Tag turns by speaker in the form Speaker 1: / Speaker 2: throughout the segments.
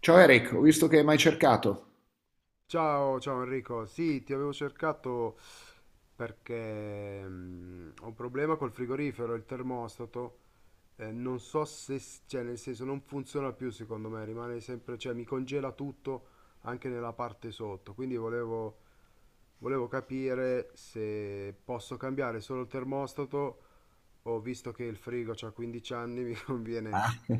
Speaker 1: Ciao Eric, ho visto che hai mai cercato.
Speaker 2: Ciao, ciao Enrico. Sì, ti avevo cercato perché ho un problema col frigorifero, il termostato. Non so se, cioè nel senso non funziona più secondo me, rimane sempre, cioè mi congela tutto anche nella parte sotto. Quindi volevo capire se posso cambiare solo il termostato o visto che il frigo ha 15 anni mi conviene
Speaker 1: Ah,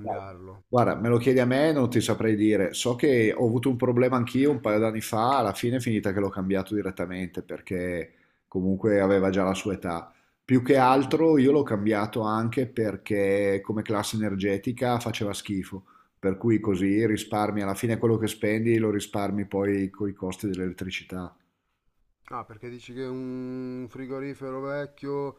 Speaker 1: Dai. Guarda, me lo chiedi a me, non ti saprei dire. So che ho avuto un problema anch'io un paio d'anni fa, alla fine è finita che l'ho cambiato direttamente perché comunque aveva già la sua età. Più che altro io l'ho cambiato anche perché come classe energetica faceva schifo, per cui così risparmi alla fine quello che spendi lo risparmi poi con i costi dell'elettricità.
Speaker 2: Ah, perché dici che è un frigorifero vecchio.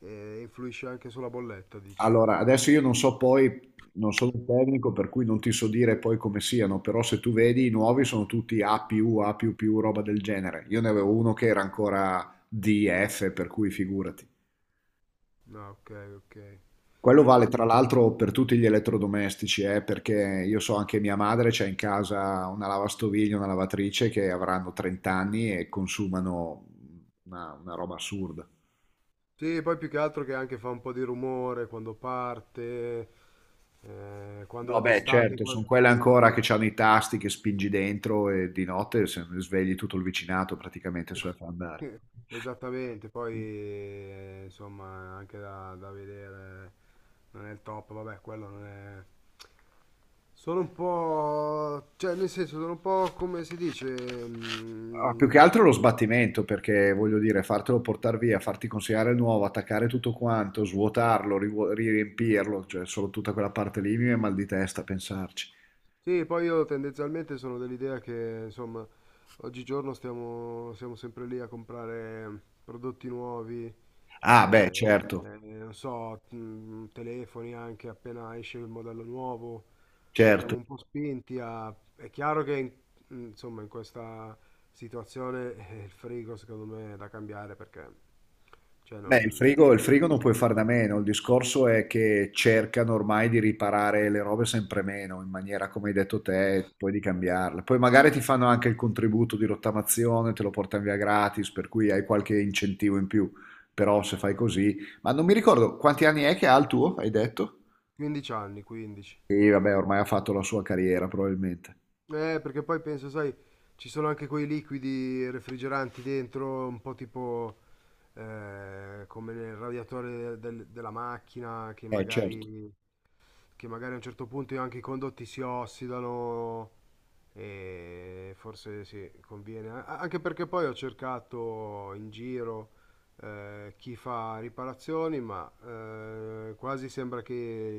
Speaker 2: E influisce anche sulla bolletta, dici?
Speaker 1: Allora, adesso io non so poi, non sono un tecnico, per cui non ti so dire poi come siano, però se tu vedi i nuovi sono tutti A+, più, A++, più più, roba del genere. Io ne avevo uno che era ancora DF, per cui figurati.
Speaker 2: Ah, ok, ok.
Speaker 1: Quello
Speaker 2: Eh.
Speaker 1: vale tra l'altro per tutti gli elettrodomestici, perché io so anche mia madre c'ha in casa una lavastoviglie, una lavatrice che avranno 30 anni e consumano una roba assurda.
Speaker 2: Sì, poi più che altro che anche fa un po' di rumore quando parte,
Speaker 1: No,
Speaker 2: quando
Speaker 1: beh,
Speaker 2: d'estate,
Speaker 1: certo, sono
Speaker 2: quando.
Speaker 1: quelle ancora che hanno i tasti che spingi dentro e di notte se ne svegli tutto il vicinato praticamente sulla fa andare.
Speaker 2: Esattamente, poi insomma anche da vedere non è il top, vabbè, quello non è. Sono un po', cioè nel senso sono un po' come si dice.
Speaker 1: Ah, più che
Speaker 2: mm,
Speaker 1: altro lo sbattimento, perché voglio dire, fartelo portare via, farti consegnare il nuovo, attaccare tutto quanto, svuotarlo, riempirlo, cioè solo tutta quella parte lì mi viene mal di testa a pensarci.
Speaker 2: Sì, poi io tendenzialmente sono dell'idea che, insomma, oggigiorno siamo sempre lì a comprare prodotti nuovi.
Speaker 1: Ah, beh,
Speaker 2: eh,
Speaker 1: certo,
Speaker 2: Non so, telefoni anche appena esce il modello nuovo, siamo
Speaker 1: certo.
Speaker 2: un po' spinti a. È chiaro che, insomma, in questa situazione il frigo secondo me è da cambiare perché, cioè,
Speaker 1: Beh, il frigo, il
Speaker 2: non
Speaker 1: frigo non puoi
Speaker 2: so,
Speaker 1: farne a
Speaker 2: sono
Speaker 1: meno, il discorso è che cercano ormai di riparare le robe sempre meno, in maniera, come hai detto te, poi di cambiarle. Poi magari ti fanno anche il contributo di rottamazione, te lo portano via gratis, per cui hai qualche incentivo in più, però se fai così... Ma non mi ricordo, quanti anni è che ha il tuo, hai detto?
Speaker 2: 15 anni, 15.
Speaker 1: Sì, vabbè, ormai ha fatto la sua carriera, probabilmente.
Speaker 2: Perché poi penso, sai, ci sono anche quei liquidi refrigeranti dentro, un po' tipo come nel radiatore della macchina,
Speaker 1: Certo,
Speaker 2: che magari a un certo punto anche i condotti si ossidano e forse sì, conviene. Anche perché poi ho cercato in giro chi fa riparazioni, ma quasi sembra che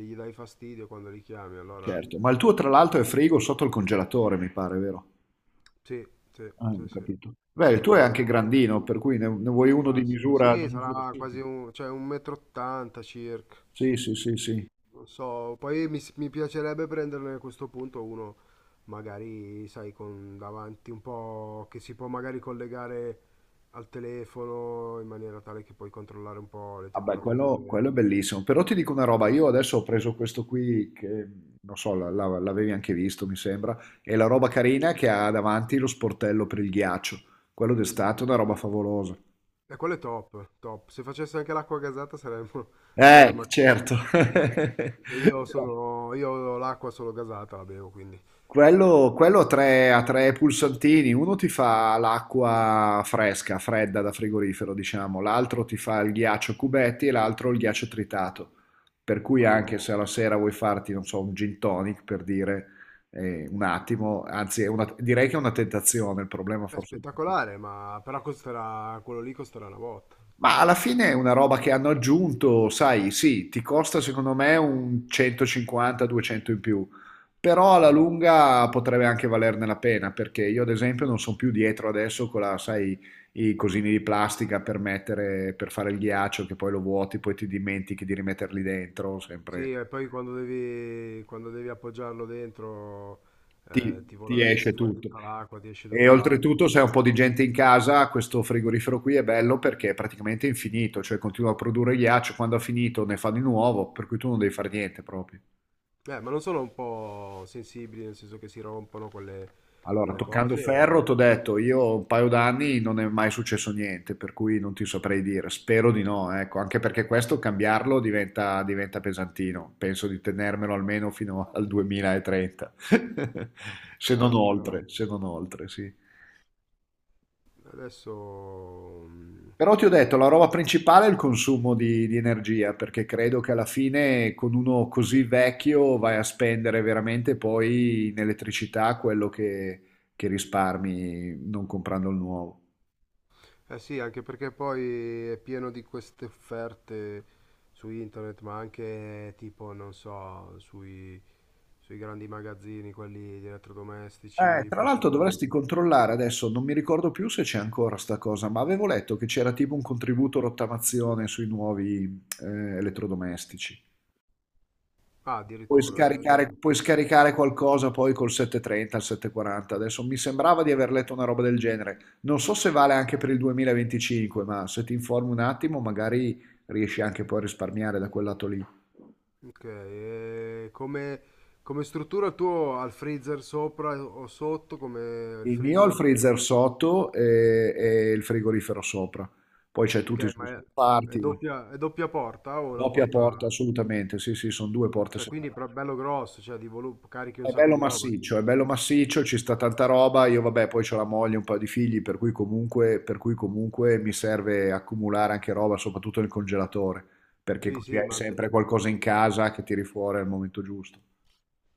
Speaker 2: gli dai fastidio quando li chiami, allora
Speaker 1: certo. Ma il tuo, tra l'altro, è frigo sotto il congelatore, mi pare, vero?
Speaker 2: sì, sì,
Speaker 1: Ah, ho
Speaker 2: sì, sì.
Speaker 1: capito. Beh,
Speaker 2: è
Speaker 1: il tuo è anche
Speaker 2: Quello...
Speaker 1: grandino, per cui ne vuoi uno
Speaker 2: Classico.
Speaker 1: di
Speaker 2: Sì,
Speaker 1: misura
Speaker 2: sarà quasi
Speaker 1: simile.
Speaker 2: un, cioè un metro 80 circa.
Speaker 1: Sì, sì, sì, sì.
Speaker 2: Non so, poi mi piacerebbe prenderne a questo punto uno, magari, sai, con davanti un po' che si può magari collegare al telefono in maniera tale che puoi controllare un po' le
Speaker 1: Vabbè, quello è
Speaker 2: temperature.
Speaker 1: bellissimo. Però ti dico una roba, io adesso ho preso questo qui che, non so, l'avevi anche visto, mi sembra, è la roba carina che ha davanti lo sportello per il ghiaccio. Quello d'estate è una roba favolosa.
Speaker 2: E quello è top, top. Se facesse anche l'acqua gasata saremmo, saremmo a
Speaker 1: Certo.
Speaker 2: cavallo. Perché io ho l'acqua solo gasata, la bevo, quindi.
Speaker 1: Quello ha tre pulsantini, uno ti fa l'acqua fresca, fredda da frigorifero, diciamo, l'altro ti fa il ghiaccio a cubetti e l'altro il ghiaccio tritato. Per cui
Speaker 2: Madonna.
Speaker 1: anche se alla sera vuoi farti, non so, un gin tonic per dire un attimo, anzi direi che è una tentazione, il problema
Speaker 2: È
Speaker 1: forse
Speaker 2: spettacolare, ma però costerà, quello lì costerà una botta.
Speaker 1: ma alla fine è una roba che hanno aggiunto, sai, sì, ti costa secondo me un 150-200 in più, però alla
Speaker 2: Sì,
Speaker 1: lunga potrebbe anche valerne la pena, perché io ad esempio non sono più dietro adesso con la, sai, i cosini di plastica per mettere, per fare il ghiaccio, che poi lo vuoti, poi ti dimentichi di rimetterli dentro,
Speaker 2: sì,
Speaker 1: sempre
Speaker 2: e poi quando devi appoggiarlo dentro, ti
Speaker 1: ti
Speaker 2: vola
Speaker 1: esce
Speaker 2: fuori
Speaker 1: tutto.
Speaker 2: tutta l'acqua, ti esce
Speaker 1: E
Speaker 2: tutta l'acqua.
Speaker 1: oltretutto, se hai un po' di gente in casa, questo frigorifero qui è bello perché è praticamente infinito, cioè continua a produrre ghiaccio, quando ha finito ne fa di nuovo, per cui tu non devi fare niente proprio.
Speaker 2: Ma non sono un po' sensibili, nel senso che si rompono
Speaker 1: Allora,
Speaker 2: quelle
Speaker 1: toccando
Speaker 2: cose,
Speaker 1: ferro,
Speaker 2: o.
Speaker 1: ti ho detto, io un paio d'anni non è mai successo niente, per cui non ti saprei dire, spero di no, ecco, anche perché questo cambiarlo diventa pesantino, penso di tenermelo almeno fino al 2030, se non
Speaker 2: Chiaro, chiaro.
Speaker 1: oltre, se non oltre, sì.
Speaker 2: Adesso. mm,
Speaker 1: Però ti ho detto, la roba principale è il consumo di energia, perché credo che alla fine con uno così vecchio vai a spendere veramente poi in elettricità quello che risparmi non comprando il nuovo.
Speaker 2: Eh sì, anche perché poi è pieno di queste offerte su internet, ma anche tipo, non so, sui grandi magazzini, quelli di elettrodomestici
Speaker 1: Tra
Speaker 2: più
Speaker 1: l'altro dovresti
Speaker 2: famosi.
Speaker 1: controllare adesso, non mi ricordo più se c'è ancora sta cosa, ma avevo letto che c'era tipo un contributo rottamazione sui nuovi elettrodomestici.
Speaker 2: Ah,
Speaker 1: Puoi
Speaker 2: addirittura. Eh.
Speaker 1: scaricare puoi scaricare qualcosa poi col 730, il 740. Adesso mi sembrava di aver letto una roba del genere. Non so se vale anche per il 2025, ma se ti informi un attimo, magari riesci anche poi a risparmiare da quel lato lì.
Speaker 2: Ok, e come, struttura il tuo ha il freezer sopra o sotto, come il
Speaker 1: Il mio ha il
Speaker 2: freezer?
Speaker 1: freezer sotto e il frigorifero sopra. Poi c'è tutti i
Speaker 2: Ok,
Speaker 1: suoi
Speaker 2: ma
Speaker 1: scomparti,
Speaker 2: è doppia porta o una
Speaker 1: doppia porta,
Speaker 2: porta?
Speaker 1: assolutamente. Sì, sì, sono due porte
Speaker 2: Cioè quindi
Speaker 1: separate.
Speaker 2: però è bello grosso, cioè carichi un sacco di roba
Speaker 1: È
Speaker 2: dentro.
Speaker 1: bello massiccio, ci sta tanta roba. Io vabbè, poi ho la moglie, un paio di figli, per cui comunque mi serve accumulare anche roba, soprattutto nel congelatore, perché
Speaker 2: Sì,
Speaker 1: così
Speaker 2: sì,
Speaker 1: hai
Speaker 2: ma
Speaker 1: sempre qualcosa in casa che tiri fuori al momento giusto.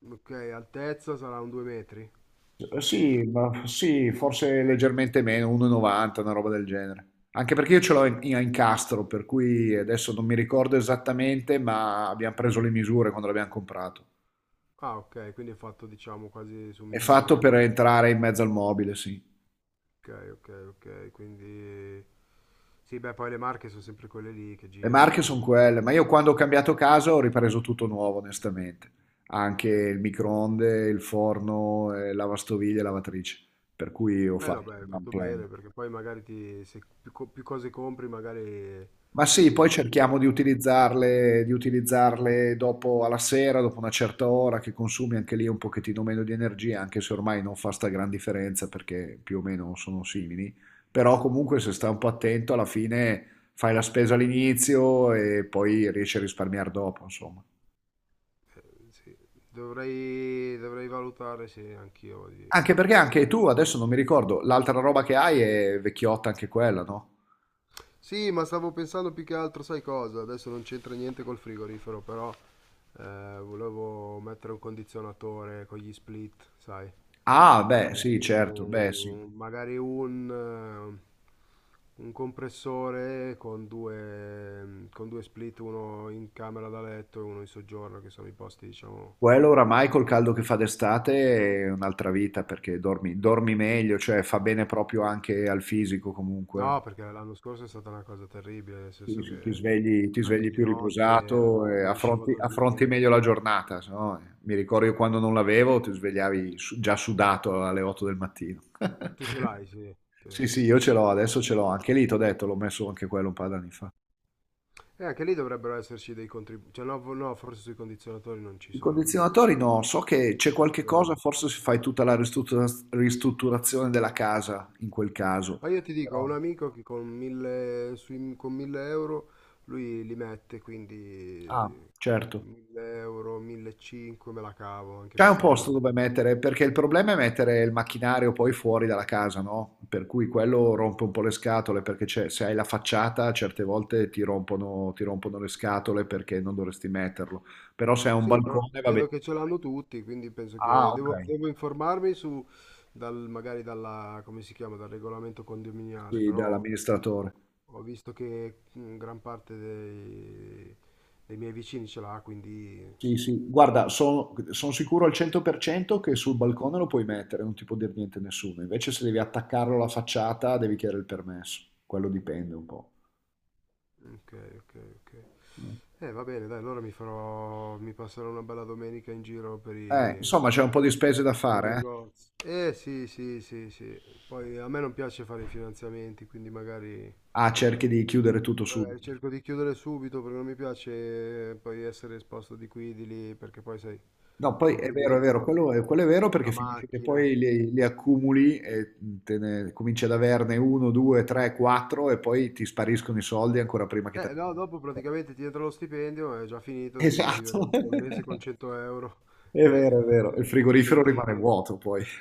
Speaker 2: ok, altezza sarà un 2 metri?
Speaker 1: Sì, ma sì, forse leggermente meno, 1,90, una roba del genere. Anche perché io ce l'ho
Speaker 2: No.
Speaker 1: in, a incastro, per cui adesso non mi ricordo esattamente, ma abbiamo preso le misure quando l'abbiamo comprato.
Speaker 2: Ah, ok, quindi è fatto diciamo quasi su
Speaker 1: È
Speaker 2: misura
Speaker 1: fatto per
Speaker 2: come.
Speaker 1: entrare in mezzo al mobile, sì.
Speaker 2: Ok, ok, ok, quindi. Sì, beh, poi le marche sono sempre quelle lì che
Speaker 1: Le
Speaker 2: girano,
Speaker 1: marche sono
Speaker 2: quindi.
Speaker 1: quelle, ma io quando ho cambiato casa ho ripreso tutto nuovo, onestamente. Anche il microonde, il forno, lavastoviglie e lavatrice. Per cui ho
Speaker 2: Eh no,
Speaker 1: fatto
Speaker 2: beh, hai
Speaker 1: un one
Speaker 2: fatto
Speaker 1: plan.
Speaker 2: bene perché poi magari se più, più cose compri, magari
Speaker 1: Ma sì, poi
Speaker 2: poi ti.
Speaker 1: cerchiamo di
Speaker 2: No,
Speaker 1: utilizzarle, di utilizzarle dopo alla sera, dopo una certa ora, che consumi anche lì un pochettino meno di energia, anche se ormai non fa sta gran differenza perché più o meno sono simili. Però comunque se sta un po' attento, alla fine fai la spesa all'inizio e poi riesci a risparmiare dopo, insomma.
Speaker 2: sì. Dovrei valutare se anch'io di.
Speaker 1: Anche perché anche tu, adesso non mi ricordo, l'altra roba che hai è vecchiotta anche quella, no?
Speaker 2: Sì, ma stavo pensando più che altro, sai cosa? Adesso non c'entra niente col frigorifero, però volevo mettere un condizionatore con gli split, sai?
Speaker 1: Ah, beh, sì,
Speaker 2: Magari
Speaker 1: certo, beh, sì.
Speaker 2: un compressore con due, split, uno in camera da letto e uno in soggiorno, che sono i posti, diciamo.
Speaker 1: Quello oramai col caldo che fa d'estate è un'altra vita perché dormi, dormi meglio, cioè fa bene proprio anche al fisico comunque.
Speaker 2: No, perché l'anno scorso è stata una cosa terribile, nel
Speaker 1: Sì,
Speaker 2: senso
Speaker 1: sì, ti
Speaker 2: che
Speaker 1: svegli, ti
Speaker 2: anche
Speaker 1: svegli
Speaker 2: di
Speaker 1: più
Speaker 2: notte
Speaker 1: riposato e
Speaker 2: non riuscivo a
Speaker 1: affronti
Speaker 2: dormire.
Speaker 1: meglio la giornata, se no, mi ricordo io quando non l'avevo, ti svegliavi già sudato alle 8 del mattino.
Speaker 2: Tu ce l'hai, sì. Sì.
Speaker 1: Sì, sì, io ce l'ho, adesso ce l'ho, anche lì, ti ho detto, l'ho messo anche quello un paio d'anni fa.
Speaker 2: E anche lì dovrebbero esserci dei contributi. Cioè, no, no, forse sui condizionatori non ci
Speaker 1: I
Speaker 2: sono, no?
Speaker 1: condizionatori no, so che c'è
Speaker 2: Non
Speaker 1: qualche
Speaker 2: credo.
Speaker 1: cosa, forse se fai tutta la ristrutturazione della casa in quel caso.
Speaker 2: Ma io ti dico, ho
Speaker 1: Però,
Speaker 2: un amico che con 1000 euro lui li mette, quindi
Speaker 1: ah, certo.
Speaker 2: 1000 euro, 1500 me la cavo, anche
Speaker 1: C'è un
Speaker 2: perché non la
Speaker 1: posto dove
Speaker 2: metto.
Speaker 1: mettere, perché il problema è mettere il macchinario poi fuori dalla casa, no? Per cui quello rompe un po' le scatole, perché se hai la facciata certe volte ti rompono le scatole perché non dovresti metterlo. Però se hai un
Speaker 2: Sì, però
Speaker 1: balcone va bene.
Speaker 2: vedo che ce l'hanno tutti, quindi penso
Speaker 1: Ah,
Speaker 2: che
Speaker 1: ok.
Speaker 2: devo informarmi su, magari dalla, come si chiama, dal regolamento condominiale,
Speaker 1: Sì,
Speaker 2: però
Speaker 1: dall'amministratore.
Speaker 2: ho visto che gran parte dei miei vicini ce l'ha, quindi.
Speaker 1: Sì, sì, guarda, sono sicuro al 100% che sul balcone lo puoi mettere, non ti può dire niente nessuno. Invece se devi attaccarlo alla facciata, devi chiedere il permesso. Quello dipende un po'.
Speaker 2: Ok, ok, ok. Va bene, dai, allora mi passerò una bella domenica in giro
Speaker 1: Insomma, c'è un po' di spese da
Speaker 2: per i
Speaker 1: fare, eh?
Speaker 2: negozi. Sì, sì, sì, sì. Poi a me non piace fare i finanziamenti, quindi magari.
Speaker 1: Ah, cerchi di chiudere tutto
Speaker 2: Magari
Speaker 1: subito.
Speaker 2: cerco di chiudere subito perché non mi piace poi essere esposto di qui, di lì, perché poi sai,
Speaker 1: No, poi
Speaker 2: compri due o
Speaker 1: è
Speaker 2: tre
Speaker 1: vero,
Speaker 2: cose.
Speaker 1: quello è vero perché
Speaker 2: La
Speaker 1: finisce che
Speaker 2: macchina.
Speaker 1: poi li accumuli e cominci ad averne uno, due, tre, quattro e poi ti spariscono i soldi ancora prima che te...
Speaker 2: No, dopo praticamente ti entra lo stipendio, è già finito, devi vivere
Speaker 1: Esatto.
Speaker 2: tutto il mese con 100 euro
Speaker 1: È
Speaker 2: e,
Speaker 1: vero, è vero. Il
Speaker 2: e i
Speaker 1: frigorifero rimane
Speaker 2: ticket.
Speaker 1: vuoto poi.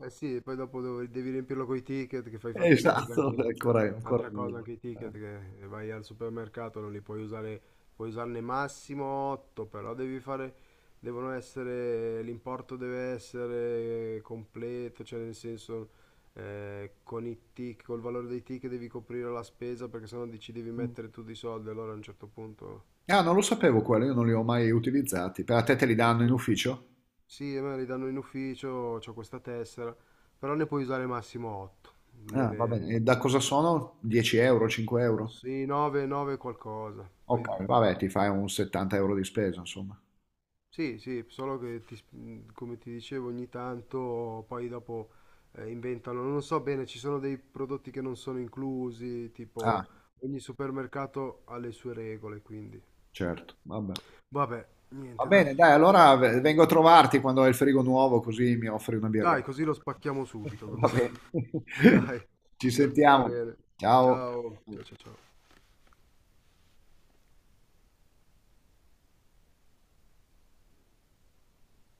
Speaker 2: Eh sì, poi dopo devi riempirlo con i ticket che fai fatica perché
Speaker 1: Esatto, è
Speaker 2: anche
Speaker 1: ancora, ancora
Speaker 2: un'altra cosa,
Speaker 1: meglio.
Speaker 2: anche i ticket
Speaker 1: Eh.
Speaker 2: che vai al supermercato non li puoi usare, puoi usarne massimo 8, però devi fare, devono essere, l'importo deve essere completo, cioè nel senso col valore dei ticket devi coprire la spesa perché sennò dici devi
Speaker 1: Mm.
Speaker 2: mettere tu dei soldi, allora a un certo punto.
Speaker 1: Ah, non lo sapevo quello, io non li ho mai utilizzati. Per a te te li danno in
Speaker 2: Sì,
Speaker 1: ufficio?
Speaker 2: sì, a me li danno in ufficio, ho questa tessera, però ne puoi usare massimo 8.
Speaker 1: Ah, va
Speaker 2: Nelle...
Speaker 1: bene. E da cosa sono? 10 euro, 5 euro?
Speaker 2: Sì, 9, 9 qualcosa. Poi,
Speaker 1: Ok, vabbè, ti fai un 70 euro di spesa, insomma.
Speaker 2: sì, sì, solo che come ti dicevo ogni tanto poi dopo inventano, non so bene, ci sono dei prodotti che non sono inclusi,
Speaker 1: Ah,
Speaker 2: tipo ogni supermercato ha le sue regole, quindi.
Speaker 1: certo, vabbè.
Speaker 2: Vabbè,
Speaker 1: Va
Speaker 2: niente, dai.
Speaker 1: bene, dai, allora vengo a trovarti quando hai il frigo nuovo, così mi offri una birra.
Speaker 2: Dai, così lo spacchiamo subito, così.
Speaker 1: Va bene.
Speaker 2: Dai,
Speaker 1: Ci
Speaker 2: va
Speaker 1: sentiamo.
Speaker 2: bene.
Speaker 1: Ciao.
Speaker 2: Ciao, ciao, ciao, ciao.